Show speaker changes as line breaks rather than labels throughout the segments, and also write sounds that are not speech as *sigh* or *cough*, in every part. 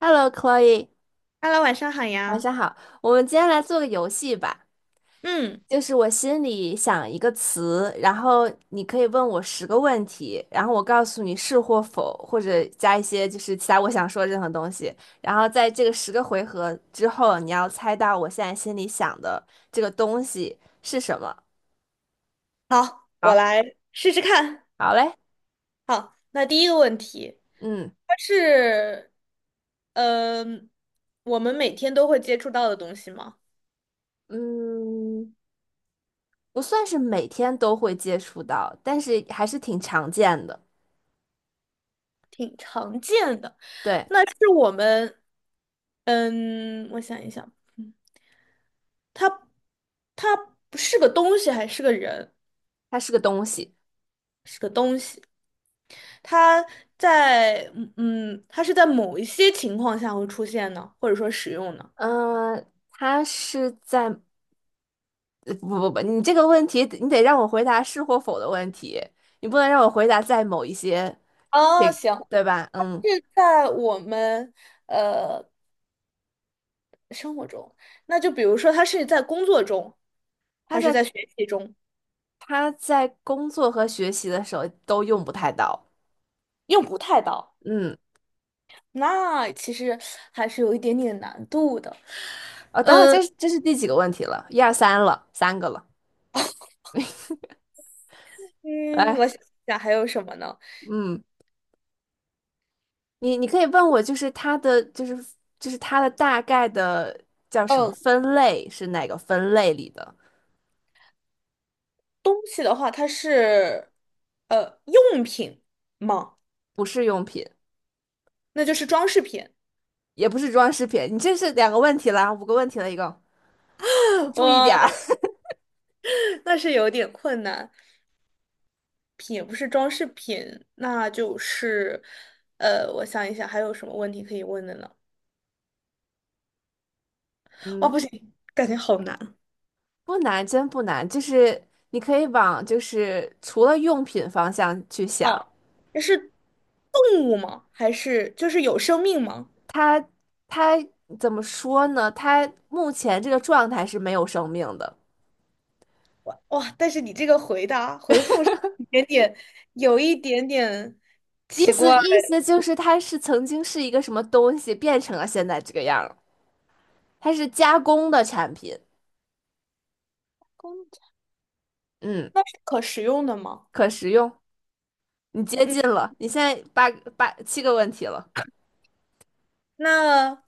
Hello, Chloe，
h e 晚上好
晚
呀。
上好。我们今天来做个游戏吧，
嗯，
就是我心里想一个词，然后你可以问我10个问题，然后我告诉你是或否，或者加一些就是其他我想说的任何东西。然后在这个10个回合之后，你要猜到我现在心里想的这个东西是什么。
好，我
好，
来试试看。
好嘞，
那第一个问题，
嗯
它是，嗯、我们每天都会接触到的东西吗？
嗯，不算是每天都会接触到，但是还是挺常见的。
挺常见的。
对，
那是我们，我想一想，它，它不是个东西，还是个人？
它是个东西。
是个东西。它它是在某一些情况下会出现呢，或者说使用呢？
嗯、呃他是在呃不不不，你这个问题你得让我回答是或否的问题，你不能让我回答在某一些，
哦，
这
行，
对吧？嗯，
是在我们呃生活中，那就比如说他是在工作中，
他
还是
在
在学习中，
他在工作和学习的时候都用不太到。
用不太到，
嗯，
那其实还是有一点点难度的。
哦，等会儿这是第几个问题了？一二三了，3个了。
嗯，
来，
我想想还有什么呢？
嗯，你可以问我，就是它的它的大概的叫什么
嗯，
分类是哪个分类里的
东西的话，它是呃用品吗？
不是用品？
那就是装饰品。
也不是装饰品。你这是2个问题了，5个问题了，一共，
*laughs*
注意点
哇，
儿。
那
*laughs*
那是有点困难。品，也不是装饰品，那就是，我想一想还有什么问题可以问的呢？哦，
嗯，
不行，感觉好难。
不难，真不难，就是你可以往就是除了用品方向去想，
啊！这是动物吗？还是就是有生命吗？
它它怎么说呢？它目前这个状态是没有生命的，
哇，但是你这个回答回复是有一点点，有一点点
意
奇
思
怪。
意思就是它是曾经是一个什么东西变成了现在这个样儿，它是加工的产品，
公仔
嗯，
那是可食用的吗？
可食用。你接
嗯，
近了，你现在7个问题了。
那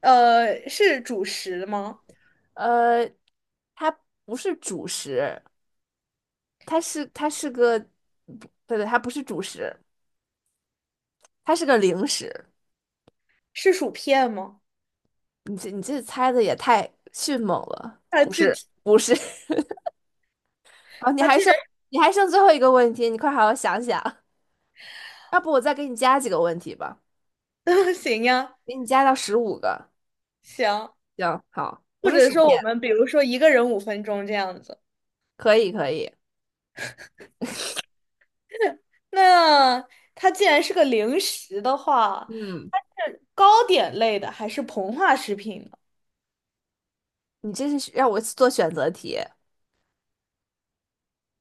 是主食吗？
呃，它不是主食，它是个，不对对，它不是主食，它是个零食。
是薯片吗？
你这猜的也太迅猛了，
它
不
具
是
体
不是。*laughs* 好，你
它
还
居
剩你还剩最后一个问题，你快好好想想。要不我再给你加几个问题吧，
然 *laughs* 行呀，
给你加到15个。
行。
行，好，不
或
是
者
薯
说
片，
我们比如说一个人5分钟这样子。
可以可以。
那它既然是个零食的话，
嗯，
它是糕点类的还是膨化食品呢？
你这是让我做选择题，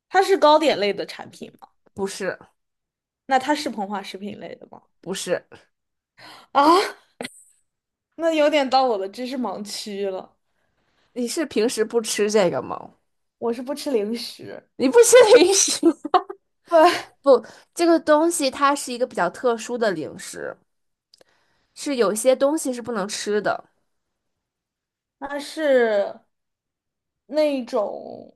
它是糕点类的产品吗？
不是
那它是膨化食品类的吗？
不是。
啊，那有点到我的知识盲区了。
你是平时不吃这个吗？
我是不吃零食，
你不吃零食。
对，
不，这个东西它是一个比较特殊的零食，是有些东西是不能吃的，
它是那种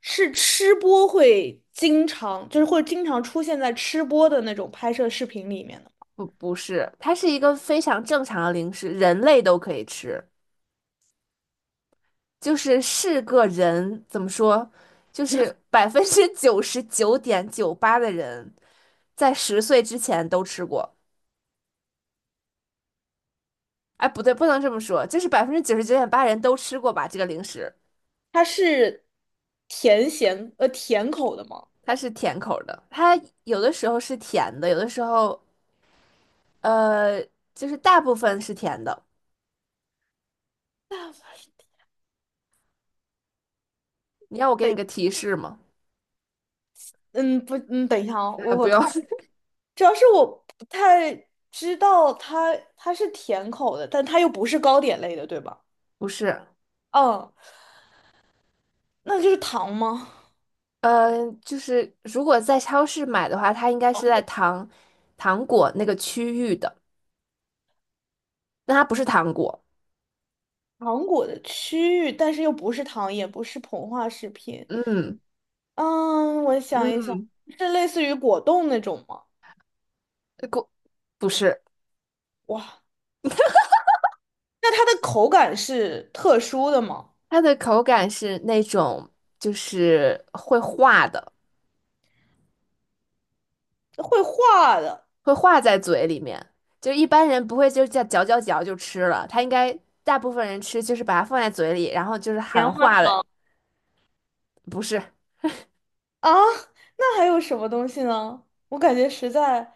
是吃播会经常出现在吃播的那种拍摄视频里面的。
不是，它是一个非常正常的零食，人类都可以吃，就是是个人怎么说，就是99.98%的人在10岁之前都吃过，哎，不对，不能这么说，就是99.8%人都吃过吧，这个零食。
它是甜口的吗？
它是甜口儿的，它有的时候是甜的，有的时候，呃，就是大部分是甜的。你要我给你
等
个提示吗？
嗯不等一下啊，我
啊，不
我看，
用，*laughs*
主要是我不太知道它是甜口的，但它又不是糕点类的，对吧？
不是，
嗯，那就是糖吗？
嗯、就是如果在超市买的话，它应该是在糖果那个区域的，但它不是糖果。
糖果的区域，但是又不是糖，也不是膨化食品。
嗯
嗯，我想一想，
嗯，
是类似于果冻那种吗？
呃果不是，
哇，那它的口感是特殊的吗？
它的口感是那种就是会化的，
会化的
会化在嘴里面，就一般人不会就这样嚼嚼嚼就吃了，它应该大部分人吃就是把它放在嘴里，然后就是
棉
含
花
化了，
糖。
不是，
啊，那还有什么东西呢？我感觉实在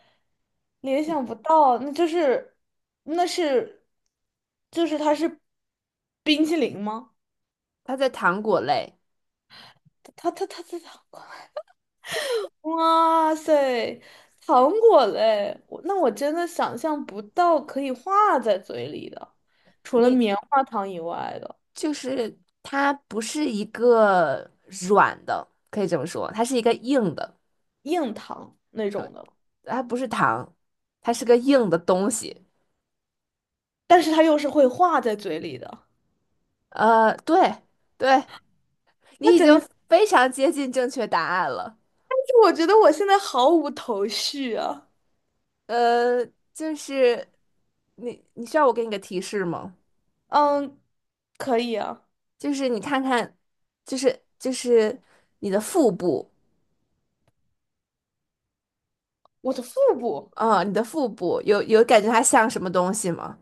联想不到，那就是，那是，就是它是冰淇淋吗？
它在糖果类。
它，*laughs* 哇塞，糖果嘞！我真的想象不到可以化在嘴里的，除了
你
棉花糖以外的
就是它不是一个软的，可以这么说，它是一个硬的，
硬糖那种的，
它不是糖，它是个硬的东西。
但是它又是会化在嘴里的，
对对，你
那
已
真
经
的是
非常接近正确答案了。
我觉得我现在毫无头绪啊。
呃，就是你需要我给你个提示吗？
嗯，可以啊。
就是你看看，就是你的腹部，
我的腹部，
你的腹部有感觉它像什么东西吗？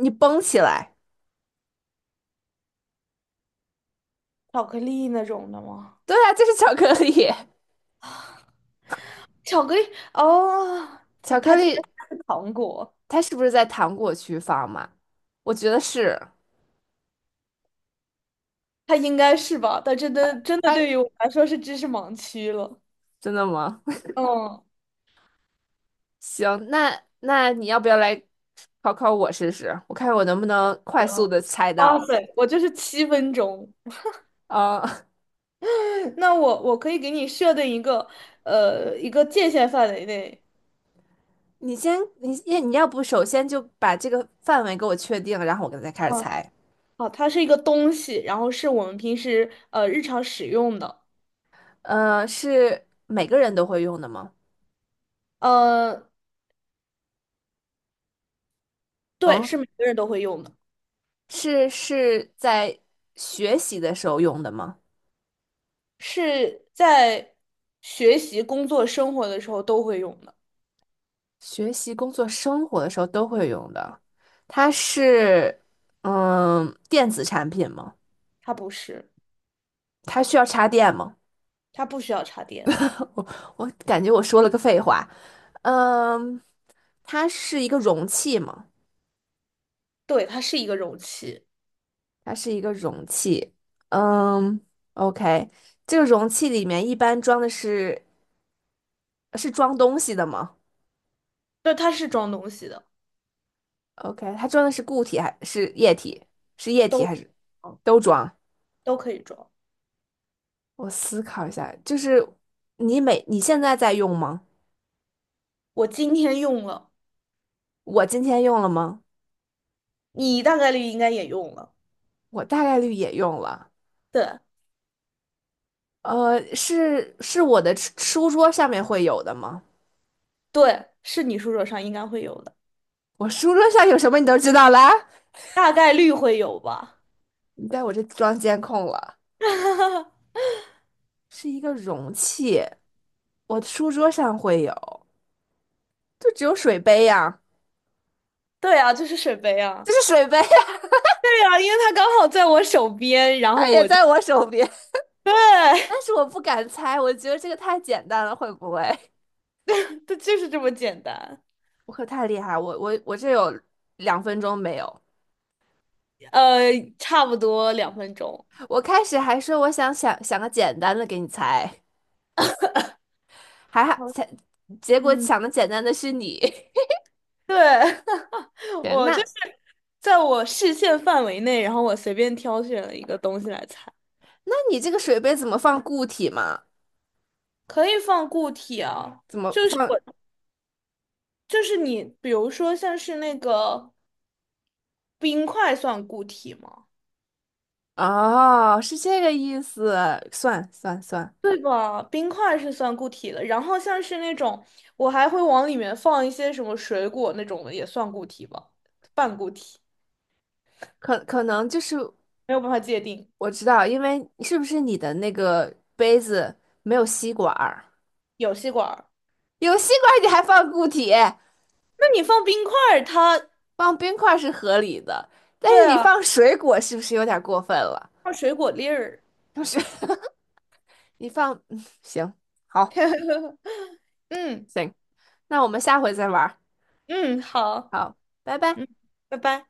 你绷起来，
巧克力那种的吗？
对啊，就是巧克力。*laughs*
巧克力哦，它
巧克
它这个
力
是糖果，
他是不是在糖果区放嘛？我觉得是。
它应该是吧？但真的真的
哎，
对于我来说是知识盲区了。
真的吗？*laughs*
嗯，
行，那你要不要来考考我试试？我看我能不能快
行，
速的猜
哇
到。
塞，我就是7分钟。
呃，
那我可以给你设定一个一个界限范围内。
*laughs* 你要不首先就把这个范围给我确定，然后我再开始
嗯，
猜。
好，它是一个东西，然后是我们平时日常使用的。
是每个人都会用的吗？
呃，对，
嗯，
是每个人都会用的。
是在学习的时候用的吗？
是在学习、工作、生活的时候都会用的。
学习、工作、生活的时候都会用的。它是电子产品吗？
它不是，
它需要插电吗？
它不需要插电。
我我感觉我说了个废话。嗯，它是一个容器吗？
对，它是一个容器，
它是一个容器。嗯，OK，这个容器里面一般装的是是装东西的吗
就它是装东西的，
？OK，它装的是固体还是液体？是液体
都
还是都装？
都可以装。
我思考一下，就是你现在在用吗？
我今天用了，
我今天用了吗？
你大概率应该也用了。
我大概率也用了。
对
是我的书桌上面会有的吗？
对，是你书桌上应该会有的，
我书桌上有什么你都知道啦？
大概率会有吧。
你在我这装监控了，
*laughs*
是一个容器，我书桌上会有，就只有水杯呀、
对啊，就是水杯啊。
这是水杯，
对啊，因为它刚好在我手边，
*laughs*
然
它
后
也
我就
在我手边，
对，
但是我不敢猜，我觉得这个太简单了，会不会？*laughs*
*laughs* 它就是这么简单。
我可太厉害，我这有2分钟没有，
呃，差不多2分钟。
我开始还说我想个简单的给你猜。还好，
嗯
才结果
嗯，
想的简单的是你。*laughs*
对，*laughs*
对
我就
那
是在我视线范围内，然后我随便挑选了一个东西来猜，
那你这个水杯怎么放固体嘛？
可以放固体啊，
怎么
就是
放？
我，就是你，比如说像是那个冰块算固体吗？
哦，是这个意思。算算算，
对吧？冰块是算固体的，然后像是那种我还会往里面放一些什么水果那种的，也算固体吧，半固体，
可能就是
没有办法界定。
我知道，因为是不是你的那个杯子没有吸管儿？
有吸管儿，
有吸管儿你还放固体，
那你放冰块儿，
放冰块儿是合理的，但
对
是你
啊，
放水果是不是有点过分了？
放水果粒儿，
就是 *laughs* 你放，行，好，
*laughs* 嗯。
行，那我们下回再玩儿。
嗯，好，
好，拜拜。
嗯，拜拜。